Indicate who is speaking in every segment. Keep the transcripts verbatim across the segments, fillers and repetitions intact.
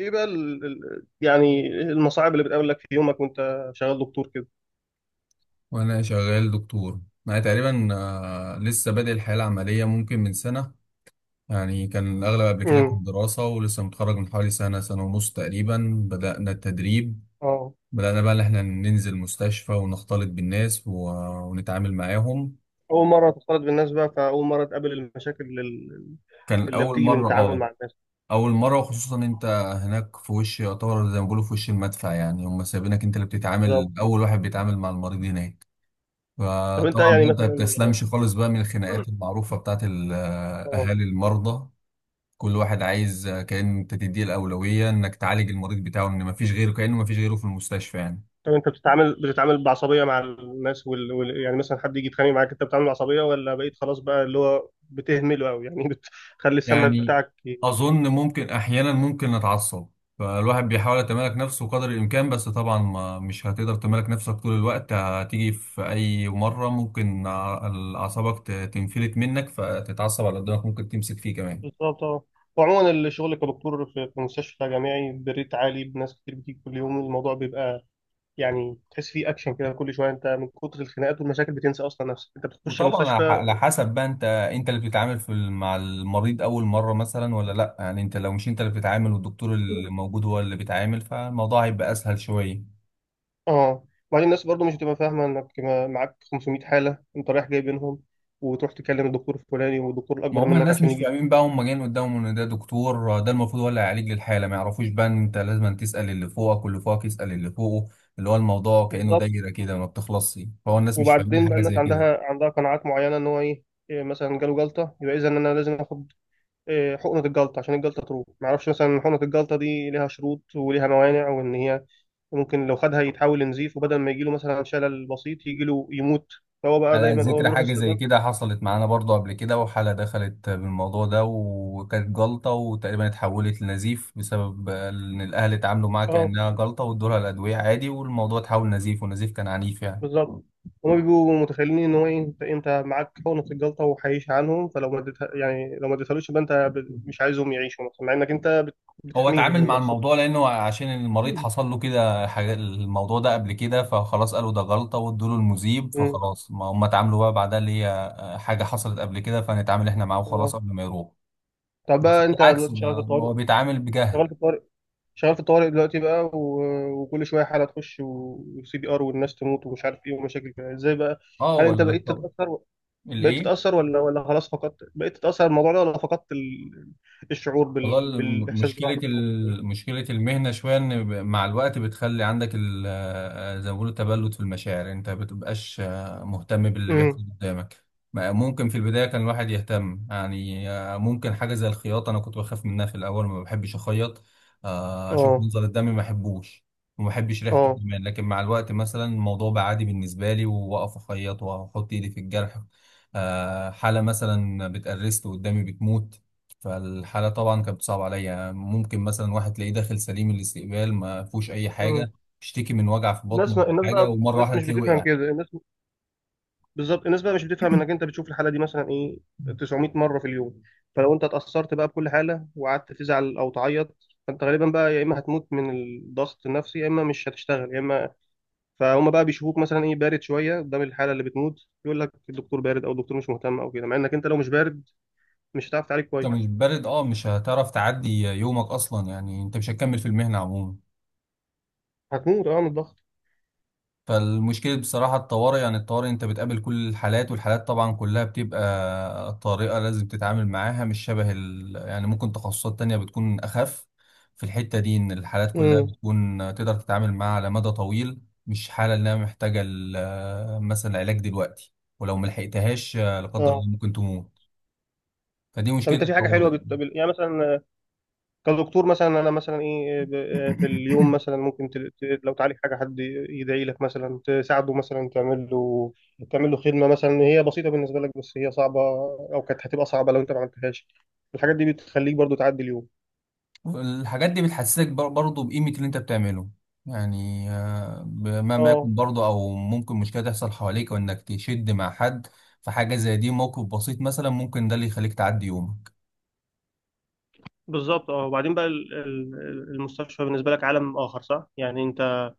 Speaker 1: ايه بقى ال... ال... يعني المصاعب اللي بتقابلك في يومك وانت شغال دكتور كده.
Speaker 2: وانا شغال دكتور. انا تقريبا آه، لسه بادئ الحياه العمليه ممكن من سنه. يعني كان الاغلب قبل كده كانت
Speaker 1: امم
Speaker 2: دراسه ولسه متخرج من حوالي سنه، سنه ونص تقريبا بدانا التدريب.
Speaker 1: اه
Speaker 2: بدانا بقى ان احنا ننزل مستشفى ونختلط بالناس و- ونتعامل معاهم.
Speaker 1: اول مره تختلط بالناس بقى، فاول مره تقابل المشاكل ال-
Speaker 2: كان
Speaker 1: اللي
Speaker 2: اول
Speaker 1: بتيجي من
Speaker 2: مره،
Speaker 1: التعامل
Speaker 2: اه
Speaker 1: مع الناس.
Speaker 2: اول مره. وخصوصا انت هناك في وش، يعتبر زي ما بيقولوا في وش المدفع، يعني هم سايبينك انت اللي
Speaker 1: بالظبط.
Speaker 2: بتتعامل، اول واحد بيتعامل مع المريض هناك.
Speaker 1: طب انت
Speaker 2: فطبعا
Speaker 1: يعني
Speaker 2: بقى انت ما
Speaker 1: مثلا
Speaker 2: بتسلمش خالص بقى من الخناقات المعروفة بتاعت ال- أهالي
Speaker 1: اه.
Speaker 2: المرضى. كل واحد عايز كأن انت تديه الأولوية انك تعالج المريض بتاعه، ان ما فيش غيره، كأنه ما فيش غيره في المستشفى يعني.
Speaker 1: طب انت بتتعامل بتتعامل بعصبيه مع الناس وال... وال... يعني مثلا حد يجي يتخانق معاك، انت بتتعامل بعصبيه، ولا بقيت خلاص بقى اللي هو بتهمله قوي يعني؟ بتخلي السمع
Speaker 2: يعني
Speaker 1: بتاعك ي-
Speaker 2: أظن ممكن أحيانا ممكن نتعصب. فالواحد بيحاول يتمالك نفسه قدر الإمكان، بس طبعا ما مش هتقدر تمالك نفسك طول الوقت، هتيجي في أي مرة ممكن ع- أعصابك ت- تنفلت منك فتتعصب على اللي قدامك، ممكن تمسك فيه كمان.
Speaker 1: بالظبط اه. وعموما الشغل كدكتور في في مستشفى جامعي بريت عالي، بناس كتير بتيجي كل يوم، الموضوع بيبقى يعني تحس فيه اكشن كده. كل شويه انت من كتر الخناقات والمشاكل بتنسى اصلا نفسك انت بتخش
Speaker 2: وطبعا على ح-
Speaker 1: المستشفى.
Speaker 2: على حسب بقى، انت انت اللي بتتعامل في ال- مع المريض اول مره مثلا ولا لا. يعني انت لو مش انت اللي بتتعامل والدكتور اللي موجود هو اللي بيتعامل، فالموضوع هيبقى اسهل شويه.
Speaker 1: اه، وبعدين الناس برضو مش بتبقى فاهمه انك ما- معاك خمسمائة حاله، انت رايح جاي بينهم، وتروح تكلم الدكتور الفلاني والدكتور
Speaker 2: ما
Speaker 1: الاكبر
Speaker 2: هم
Speaker 1: منك
Speaker 2: الناس
Speaker 1: عشان
Speaker 2: مش
Speaker 1: يجي يشوف.
Speaker 2: فاهمين بقى، هم جايين قدامهم ان ده دكتور، ده المفروض هو اللي هيعالج للحاله، ما يعرفوش بقى ان انت لازم تسال اللي فوقك واللي فوقك يسال اللي فوقه، اللي هو الموضوع كانه
Speaker 1: بالظبط.
Speaker 2: دايره كده ما بتخلصش، فهو الناس مش فاهمين
Speaker 1: وبعدين بقى
Speaker 2: حاجه
Speaker 1: الناس
Speaker 2: زي كده.
Speaker 1: عندها عندها قناعات معينه، ان هو ايه، إيه مثلا جاله جلطه، يبقى اذا ان انا لازم اخد إيه، حقنه الجلطه عشان الجلطه تروح. ما اعرفش مثلا حقنه الجلطه دي ليها شروط وليها موانع، وان هي وممكن لو خدها يتحول لنزيف، وبدل ما يجيله مثلا شلل بسيط يجيله يموت. فهو بقى
Speaker 2: على
Speaker 1: دايما هو
Speaker 2: ذكر
Speaker 1: بيروح
Speaker 2: حاجة زي
Speaker 1: الصيدلة.
Speaker 2: كده، حصلت معانا برضو قبل كده، وحالة دخلت بالموضوع ده وكانت جلطة وتقريبا اتحولت لنزيف بسبب إن الأهل اتعاملوا معاها
Speaker 1: اه
Speaker 2: كأنها جلطة وادولها الأدوية عادي، والموضوع اتحول نزيف، ونزيف كان عنيف يعني.
Speaker 1: بالظبط. هما بيبقوا متخيلين ان هو إيه، انت انت معاك حقنة الجلطة وهيعيش عنهم، فلو ما اديتها يعني لو ما اديتهالوش يبقى انت ب- مش عايزهم يعيشوا مثلا، مع انك انت بت-
Speaker 2: هو
Speaker 1: بتحميهم
Speaker 2: اتعامل
Speaker 1: من
Speaker 2: مع
Speaker 1: نفسك.
Speaker 2: الموضوع لأنه عشان المريض حصل له كده حاجة، الموضوع ده قبل كده، فخلاص قالوا ده جلطة وادوله المذيب،
Speaker 1: مم.
Speaker 2: فخلاص ما هم اتعاملوا بقى بعدها اللي هي حاجة حصلت قبل كده، فنتعامل احنا معاه
Speaker 1: اه.
Speaker 2: وخلاص قبل ما يروح.
Speaker 1: طب
Speaker 2: بس
Speaker 1: بقى انت
Speaker 2: بالعكس،
Speaker 1: دلوقتي شغال في
Speaker 2: ما ما
Speaker 1: الطوارئ.
Speaker 2: هو بيتعامل بجهل.
Speaker 1: شغال في الطوارئ، شغال في الطوارئ دلوقتي بقى، و... وكل شويه حاله تخش وسي بي ار والناس تموت ومش عارف ايه ومشاكل كده، ازاي بقى؟
Speaker 2: اه
Speaker 1: هل انت
Speaker 2: ولا.
Speaker 1: بقيت تتاثر؟ بقيت
Speaker 2: الايه؟
Speaker 1: تتأثر ولا ولا خلاص فقدت؟ بقيت تتأثر الموضوع ده، ولا فقدت ال... الشعور
Speaker 2: والله
Speaker 1: بال...
Speaker 2: الم-
Speaker 1: بالإحساس
Speaker 2: مشكله
Speaker 1: برحمة الموت؟
Speaker 2: ال- مشكله المهنه شويه ان ب- مع الوقت بتخلي عندك ال- آه، زي ما بيقولوا تبلد في المشاعر، انت ما بتبقاش آه، مهتم باللي بيحصل
Speaker 1: امم
Speaker 2: قدامك. ما- ممكن في البدايه كان الواحد يهتم، يعني آه، ممكن حاجه زي الخياطه، انا كنت بخاف منها في الاول، ما بحبش اخيط. آه، اشوف
Speaker 1: اه.
Speaker 2: منظر الدم ما احبوش، وما بحبش ريحته
Speaker 1: اه
Speaker 2: كمان. لكن مع الوقت مثلا الموضوع بقى عادي بالنسبه لي، واقف اخيط واحط ايدي في الجرح. آه، حاله مثلا بتقرست قدامي بتموت، فالحالة طبعا كانت صعبة عليا. ممكن مثلا واحد تلاقيه داخل سليم الاستقبال ما فيهوش أي
Speaker 1: امم.
Speaker 2: حاجة، بيشتكي من وجع في بطنه
Speaker 1: الناس ما...
Speaker 2: ولا
Speaker 1: الناس
Speaker 2: حاجة،
Speaker 1: بقى
Speaker 2: ومرة
Speaker 1: الناس
Speaker 2: واحدة
Speaker 1: مش
Speaker 2: تلاقيه
Speaker 1: بتفهم
Speaker 2: وقع.
Speaker 1: كده الناس. بالظبط. الناس بقى مش بتفهم انك انت بتشوف الحالة دي مثلا ايه تسعمائة مرة في اليوم. فلو انت اتأثرت بقى بكل حالة وقعدت تزعل او تعيط، فانت غالبا بقى يا اما هتموت من الضغط النفسي، يا اما مش هتشتغل، يا اما فهم بقى بيشوفوك مثلا ايه بارد شويه قدام الحاله اللي بتموت، يقول لك الدكتور بارد او الدكتور مش مهتم او كده، مع انك انت لو مش بارد مش هتعرف تعالج
Speaker 2: أنت
Speaker 1: كويس.
Speaker 2: مش بارد، أه مش هتعرف تعدي يومك أصلا، يعني أنت مش هتكمل في المهنة عموما.
Speaker 1: هتموت اه من الضغط.
Speaker 2: فالمشكلة بصراحة الطوارئ، يعني الطوارئ انت بتقابل كل الحالات، والحالات طبعا كلها بتبقى طارئة لازم تتعامل معاها، مش شبه ال... يعني ممكن تخصصات تانية بتكون أخف في الحتة دي، إن الحالات كلها
Speaker 1: امم
Speaker 2: بتكون تقدر تتعامل معاها على مدى طويل، مش حالة إنها محتاجة ال- مثلا علاج دلوقتي ولو ملحقتهاش لا قدر
Speaker 1: اه.
Speaker 2: الله ممكن تموت. فدي
Speaker 1: طب
Speaker 2: مشكلة
Speaker 1: انت في حاجه حلوه
Speaker 2: الطوارئ يعني.
Speaker 1: بت... بال- يعني مثلا آه، كدكتور مثلا انا مثلا ايه، آه، ب... آه، في اليوم مثلا ممكن ت... ت... لو تعالج حاجه، حد يدعي لك مثلا، تساعده مثلا، تعمل له تعمل له خدمه مثلا هي بسيطه بالنسبه لك بس هي صعبه، او كانت هتبقى صعبه لو انت ما عملتهاش، الحاجات دي بتخليك برضو تعدي اليوم؟
Speaker 2: الحاجات دي بتحسسك بر- برضه بقيمة اللي انت بتعمله. يعني آه، بمهما
Speaker 1: اه
Speaker 2: يكون برضه، او ممكن مشكلة تحصل حواليك وانك تشد مع حد، في حاجة زي دي موقف بسيط مثلا ممكن ده اللي يخليك تعدي يومك.
Speaker 1: بالظبط اه. وبعدين بقى ال- ال- المستشفى بالنسبه لك عالم اخر صح؟ يعني انت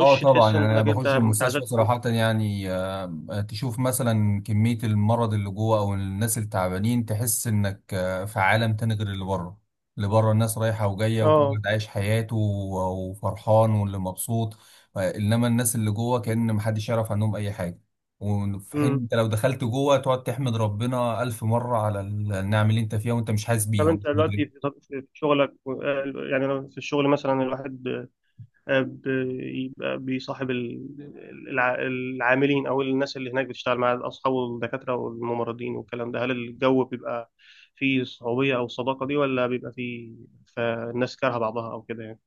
Speaker 2: اه طبعا،
Speaker 1: تحس
Speaker 2: يعني انا
Speaker 1: انك انت
Speaker 2: بخش المستشفى
Speaker 1: اتعزلت عن.
Speaker 2: صراحة، يعني آه، تشوف مثلا كمية المرض اللي جوه او الناس التعبانين، تحس انك آه، في عالم تاني غير اللي بره. اللي بره الناس رايحة وجاية وكل
Speaker 1: اه.
Speaker 2: واحد عايش حياته و- وفرحان واللي مبسوط. آه، انما الناس اللي جوه كأن محدش يعرف عنهم اي حاجة، وفي حين انت لو دخلت جوه تقعد تحمد ربنا ألف مرة على النعم اللي انت فيها وانت مش حاسس
Speaker 1: طب
Speaker 2: بيها
Speaker 1: انت
Speaker 2: ومش
Speaker 1: دلوقتي
Speaker 2: مدرك.
Speaker 1: في طب- في شغلك، آه، يعني انا في الشغل مثلا الواحد آه، بيبقى بيصاحب ال- الع- العاملين او الناس اللي هناك بتشتغل مع اصحابه، والدكاتره والممرضين والكلام ده، هل الجو بيبقى فيه صعوبيه او الصداقه دي، ولا بيبقى فيه فالناس كارهه بعضها او كده يعني؟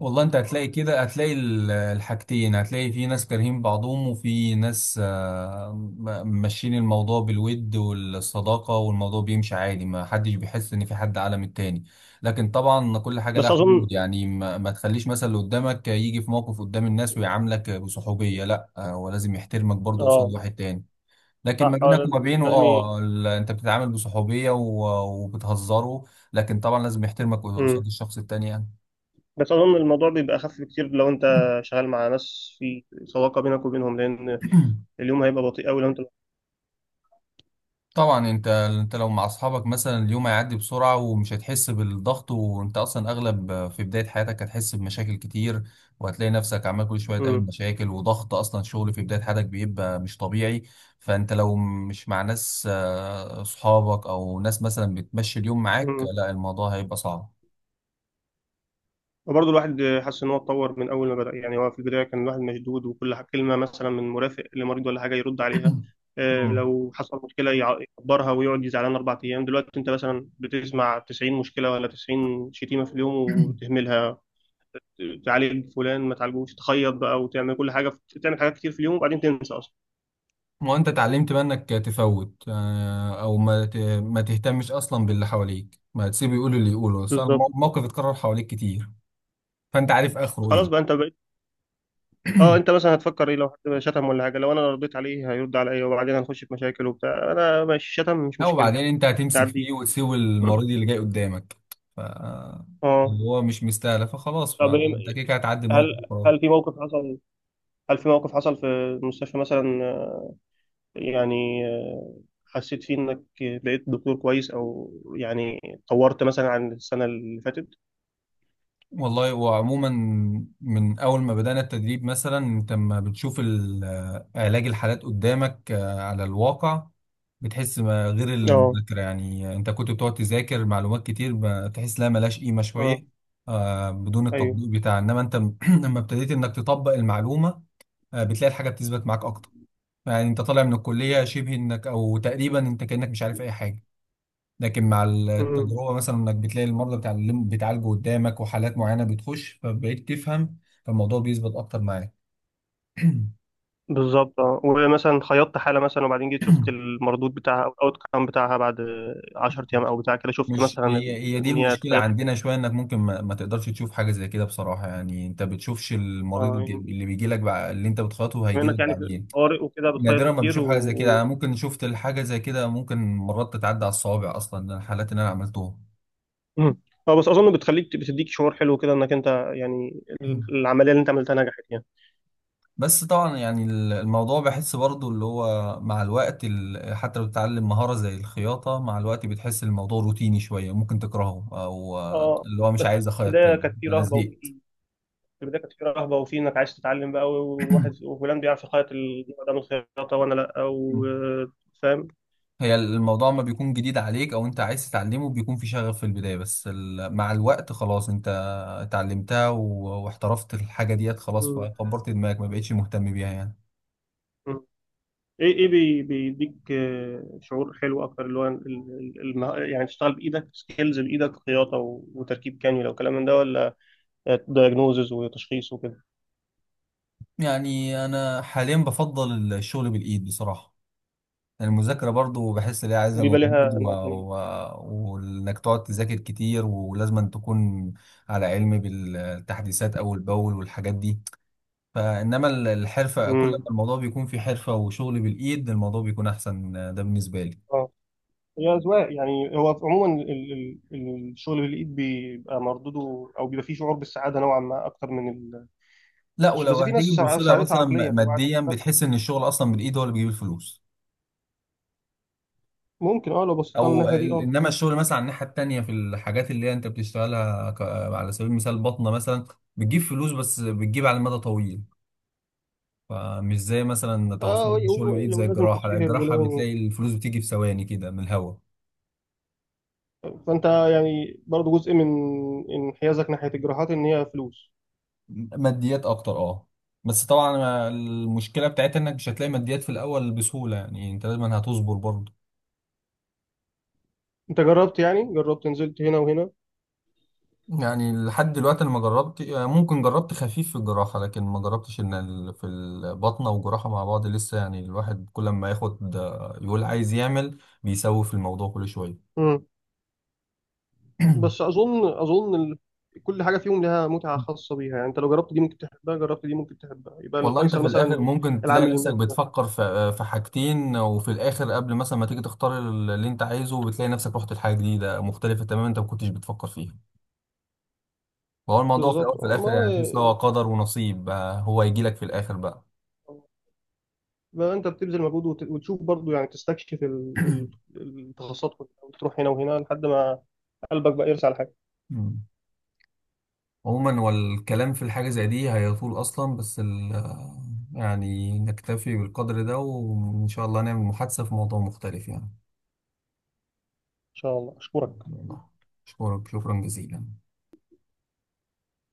Speaker 2: والله انت هتلاقي كده، هتلاقي ال- الحاجتين. هتلاقي في ناس كارهين بعضهم، وفي ناس آه، م- ماشيين الموضوع بالود والصداقة والموضوع بيمشي عادي، ما حدش بيحس ان في حد اعلى من التاني. لكن طبعا كل حاجة لها
Speaker 1: بس اظن
Speaker 2: حدود، يعني ما, ما تخليش مثلا اللي قدامك يجي في موقف قدام الناس ويعاملك بصحوبية، لا آه، هو لازم يحترمك برضه قصاد
Speaker 1: اه.
Speaker 2: واحد تاني. لكن
Speaker 1: صح
Speaker 2: ما
Speaker 1: هو
Speaker 2: بينك
Speaker 1: لازم
Speaker 2: وما بينه
Speaker 1: لازم ي...
Speaker 2: اه ال- انت بتتعامل بصحوبية و- وبتهزره، لكن طبعا لازم يحترمك
Speaker 1: مم.
Speaker 2: قصاد الشخص التاني يعني.
Speaker 1: بس اظن الموضوع بيبقى اخف بكتير لو انت شغال مع ناس في صداقه بينك وبينهم، لان اليوم هيبقى بطيء قوي لو انت.
Speaker 2: طبعا انت انت لو مع اصحابك مثلا اليوم هيعدي بسرعه ومش هتحس بالضغط. وانت اصلا اغلب في بدايه حياتك هتحس بمشاكل كتير، وهتلاقي نفسك عمال كل شويه تقابل
Speaker 1: مم.
Speaker 2: مشاكل وضغط، اصلا شغل في بدايه حياتك بيبقى مش طبيعي. فانت لو مش مع ناس آه، اصحابك او ناس مثلا بتمشي اليوم معاك،
Speaker 1: مم.
Speaker 2: لا الموضوع هيبقى صعب.
Speaker 1: وبرضه الواحد حاسس ان هو اتطور من اول ما بدأ. يعني هو في البداية كان الواحد مشدود، وكل ح- كلمة مثلا من مرافق لمريض ولا حاجة يرد عليها، آه،
Speaker 2: مم.
Speaker 1: لو حصل مشكلة يع- يقدرها ويقعد يزعلان أربع أيام. دلوقتي أنت مثلا بتسمع تسعين مشكلة ولا تسعين شتيمة في اليوم وتهملها، تعالج فلان ما تعالجوش، تخيط بقى وتعمل كل حاجة، في- تعمل حاجات كتير في اليوم وبعدين تنسى أصلا.
Speaker 2: وانت اتعلمت بقى انك تفوت، آه، او ما ت- ما تهتمش اصلا باللي حواليك، ما تسيبه يقول اللي يقوله. صار
Speaker 1: بالظبط.
Speaker 2: مو- موقف اتكرر حواليك كتير، فانت عارف اخره
Speaker 1: خلاص
Speaker 2: ايه.
Speaker 1: بقى أنت بقيت أه. أنت مثلا هتفكر إيه؟ لو حد شتم ولا حاجة، لو أنا رديت عليه هيرد عليا وبعدين هنخش في مشاكل وبتاع. أنا ماشي، شتم مش
Speaker 2: لا
Speaker 1: مشكلة،
Speaker 2: وبعدين انت هتمسك
Speaker 1: نعديه.
Speaker 2: فيه وتسيب المريض اللي جاي قدامك، ف
Speaker 1: أه.
Speaker 2: اللي هو مش مستاهله، فخلاص،
Speaker 1: طب
Speaker 2: فانت
Speaker 1: إيه-
Speaker 2: كده كده هتعدي
Speaker 1: هل
Speaker 2: الموقف خلاص.
Speaker 1: هل في موقف حصل، هل في موقف حصل في المستشفى مثلا آه، يعني آه، حسيت فيه انك بقيت دكتور كويس، او يعني طورت مثلا عن السنة اللي فاتت؟
Speaker 2: والله وعموما من اول ما بدانا التدريب مثلا، انت لما بتشوف ال- آه، علاج الحالات قدامك آه، على الواقع، بتحس ما غير
Speaker 1: اه
Speaker 2: المذاكره، يعني انت كنت بتقعد تذاكر معلومات كتير بتحس لها ملهاش قيمه شويه
Speaker 1: اه
Speaker 2: آه، بدون
Speaker 1: ايوه.
Speaker 2: التطبيق بتاعها. انما انت لما ابتديت انك تطبق المعلومه آه، بتلاقي الحاجه بتثبت معاك اكتر. يعني انت طالع من الكلية شبه انك، او تقريبا انت كأنك مش عارف اي حاجة، لكن مع
Speaker 1: مم.
Speaker 2: التجربة مثلا انك بتلاقي المرضى بتاع الليمب بتعالجه قدامك وحالات معينة بتخش، فبقيت تفهم، فالموضوع بيثبت اكتر معاك.
Speaker 1: بالظبط اه. ومثلا خيطت حالة مثلا وبعدين جيت شفت المردود بتاعها او الاوت كام بتاعها بعد عشر ايام او بتاع كده، شفت
Speaker 2: مش
Speaker 1: مثلا
Speaker 2: هي
Speaker 1: ال-
Speaker 2: هي دي
Speaker 1: ان هي
Speaker 2: المشكلة
Speaker 1: اتخيطت.
Speaker 2: عندنا شوية، انك ممكن ما, ما تقدرش تشوف حاجة زي كده بصراحة. يعني انت بتشوفش المريض
Speaker 1: اه
Speaker 2: الج-
Speaker 1: يعني
Speaker 2: اللي بيجي لك بع... اللي انت بتخاطبه
Speaker 1: بما
Speaker 2: هيجي
Speaker 1: انك
Speaker 2: لك
Speaker 1: يعني في
Speaker 2: بعدين.
Speaker 1: طوارئ وكده بتخيط
Speaker 2: نادرا ما
Speaker 1: كتير
Speaker 2: بتشوف حاجة زي كده،
Speaker 1: و...
Speaker 2: انا ممكن شفت الحاجة زي كده ممكن مرات تتعدى على الصوابع اصلا الحالات اللي انا عملتوها.
Speaker 1: مم. اه. بس اظن بتخليك بتديك شعور حلو كده، انك انت يعني ال- العمليه اللي انت عملتها نجحت يعني.
Speaker 2: بس طبعا يعني ال- الموضوع بحس برضو اللي هو مع الوقت ال- حتى لو بتتعلم مهارة زي الخياطة، مع الوقت بتحس الموضوع روتيني شوية ممكن تكرهه أو آه،
Speaker 1: اه.
Speaker 2: اللي هو مش
Speaker 1: بس
Speaker 2: عايز
Speaker 1: في
Speaker 2: أخيط
Speaker 1: البدايه
Speaker 2: تاني
Speaker 1: كانت في
Speaker 2: أنا
Speaker 1: رهبه وفي،
Speaker 2: زهقت.
Speaker 1: في البدايه كانت في رهبه وفي انك عايز تتعلم بقى، وواحد وفلان بيعرف يخيط النوع ده من الخياطه وانا لا،
Speaker 2: مم.
Speaker 1: وفاهم.
Speaker 2: هي الموضوع ما بيكون جديد عليك أو أنت عايز تتعلمه بيكون في شغف في البداية، بس ال- مع الوقت خلاص أنت اتعلمتها و- واحترفت الحاجة ديت خلاص، فكبرت دماغك ما بقتش مهتم بيها يعني.
Speaker 1: ايه ايه بي- بيديك آه، شعور حلو اكتر؟ اللي هو ال- ال- المه- يعني تشتغل بايدك سكيلز بايدك، خياطه و- وتركيب كانيولا وكلام من ده، ولا دايجنوزز وتشخيص وكده
Speaker 2: يعني أنا حاليا بفضل الشغل بالإيد بصراحة. المذاكرة برضو بحس إن هي عايزة
Speaker 1: بيبقى
Speaker 2: مجهود
Speaker 1: ليها
Speaker 2: و...
Speaker 1: انواع تانية؟
Speaker 2: و... وإنك تقعد تذاكر كتير ولازم أن تكون على علم بالتحديثات أول بأول والحاجات دي. فإنما ال- الحرفة، كل ما
Speaker 1: امم.
Speaker 2: الموضوع بيكون في حرفة وشغل بالإيد، الموضوع بيكون أحسن، ده بالنسبة لي.
Speaker 1: هي أذواق يعني. هو عموما ال- ال- ال- الشغل بالإيد بيبقى مردوده أو بيبقى فيه شعور بالسعادة نوعا ما أكتر من
Speaker 2: لا
Speaker 1: التشريح،
Speaker 2: ولو
Speaker 1: بس في ناس
Speaker 2: هتيجي تبص
Speaker 1: سع-
Speaker 2: لها
Speaker 1: سعادتها
Speaker 2: مثلا
Speaker 1: عقلية
Speaker 2: م-
Speaker 1: يعني، الواحد يكون
Speaker 2: ماديا،
Speaker 1: فرق.
Speaker 2: بتحس إن الشغل أصلا بالإيد هو اللي بيجيب الفلوس.
Speaker 1: ممكن أه. لو بصيت لها من
Speaker 2: أو
Speaker 1: الناحية دي
Speaker 2: ال-
Speaker 1: أه.
Speaker 2: إنما الشغل مثلا على الناحية التانية في الحاجات اللي هي أنت بتشتغلها ك... على سبيل المثال بطنة مثلا، بتجيب فلوس بس بتجيب على المدى طويل. فمش زي مثلا
Speaker 1: أه،
Speaker 2: تخصصات
Speaker 1: و-
Speaker 2: الشغل بالايد
Speaker 1: و-
Speaker 2: زي
Speaker 1: ولازم
Speaker 2: الجراحه، لا
Speaker 1: تتشهر
Speaker 2: الجراحه
Speaker 1: ولازم.
Speaker 2: بتلاقي الفلوس بتيجي في ثواني كده من الهوا.
Speaker 1: فأنت يعني برضه جزء من انحيازك ناحية الجراحات إن هي فلوس.
Speaker 2: ماديات اكتر اه. بس طبعا المشكله بتاعتها انك مش هتلاقي ماديات في الاول بسهوله، يعني انت لازم هتصبر برضه.
Speaker 1: أنت جربت يعني جربت نزلت هنا وهنا.
Speaker 2: يعني لحد دلوقتي انا ما جربت، ممكن جربت خفيف في الجراحه لكن ما جربتش ان ال- في البطنه والجراحه مع بعض لسه، يعني الواحد كل ما ياخد يقول عايز يعمل بيسوف الموضوع كل شويه.
Speaker 1: مم. بس أظن أظن ال... كل حاجة فيهم لها متعة خاصة بيها يعني. أنت لو جربت دي ممكن تحبها، جربت دي ممكن تحبها، يبقى
Speaker 2: والله انت
Speaker 1: الفيصل
Speaker 2: في الاخر
Speaker 1: مثلا
Speaker 2: ممكن تلاقي
Speaker 1: العامل
Speaker 2: نفسك
Speaker 1: المادي.
Speaker 2: بتفكر في في حاجتين، وفي الاخر قبل مثلا ما تيجي تختار اللي انت عايزه بتلاقي نفسك رحت لحاجه جديده مختلفه تماما انت ما كنتش بتفكر فيها. وهو الموضوع في
Speaker 1: بالظبط
Speaker 2: الاول في
Speaker 1: آه،
Speaker 2: الاخر
Speaker 1: ما
Speaker 2: يعني تحس ان هو قدر ونصيب بقى، هو هيجي لك في الاخر بقى.
Speaker 1: هو بقى انت بتبذل مجهود وت- وتشوف برضو، يعني تستكشف ال- ال- التخصصات كلها، وتروح هنا وهنا لحد ما قلبك بقى يرسى على حاجه.
Speaker 2: مم. عموما والكلام في الحاجه زي دي هيطول اصلا، بس ال يعني نكتفي بالقدر ده وان شاء الله نعمل محادثه في موضوع مختلف يعني.
Speaker 1: ان شاء الله. اشكرك.
Speaker 2: يلا، شكرا، شكرا جزيلا.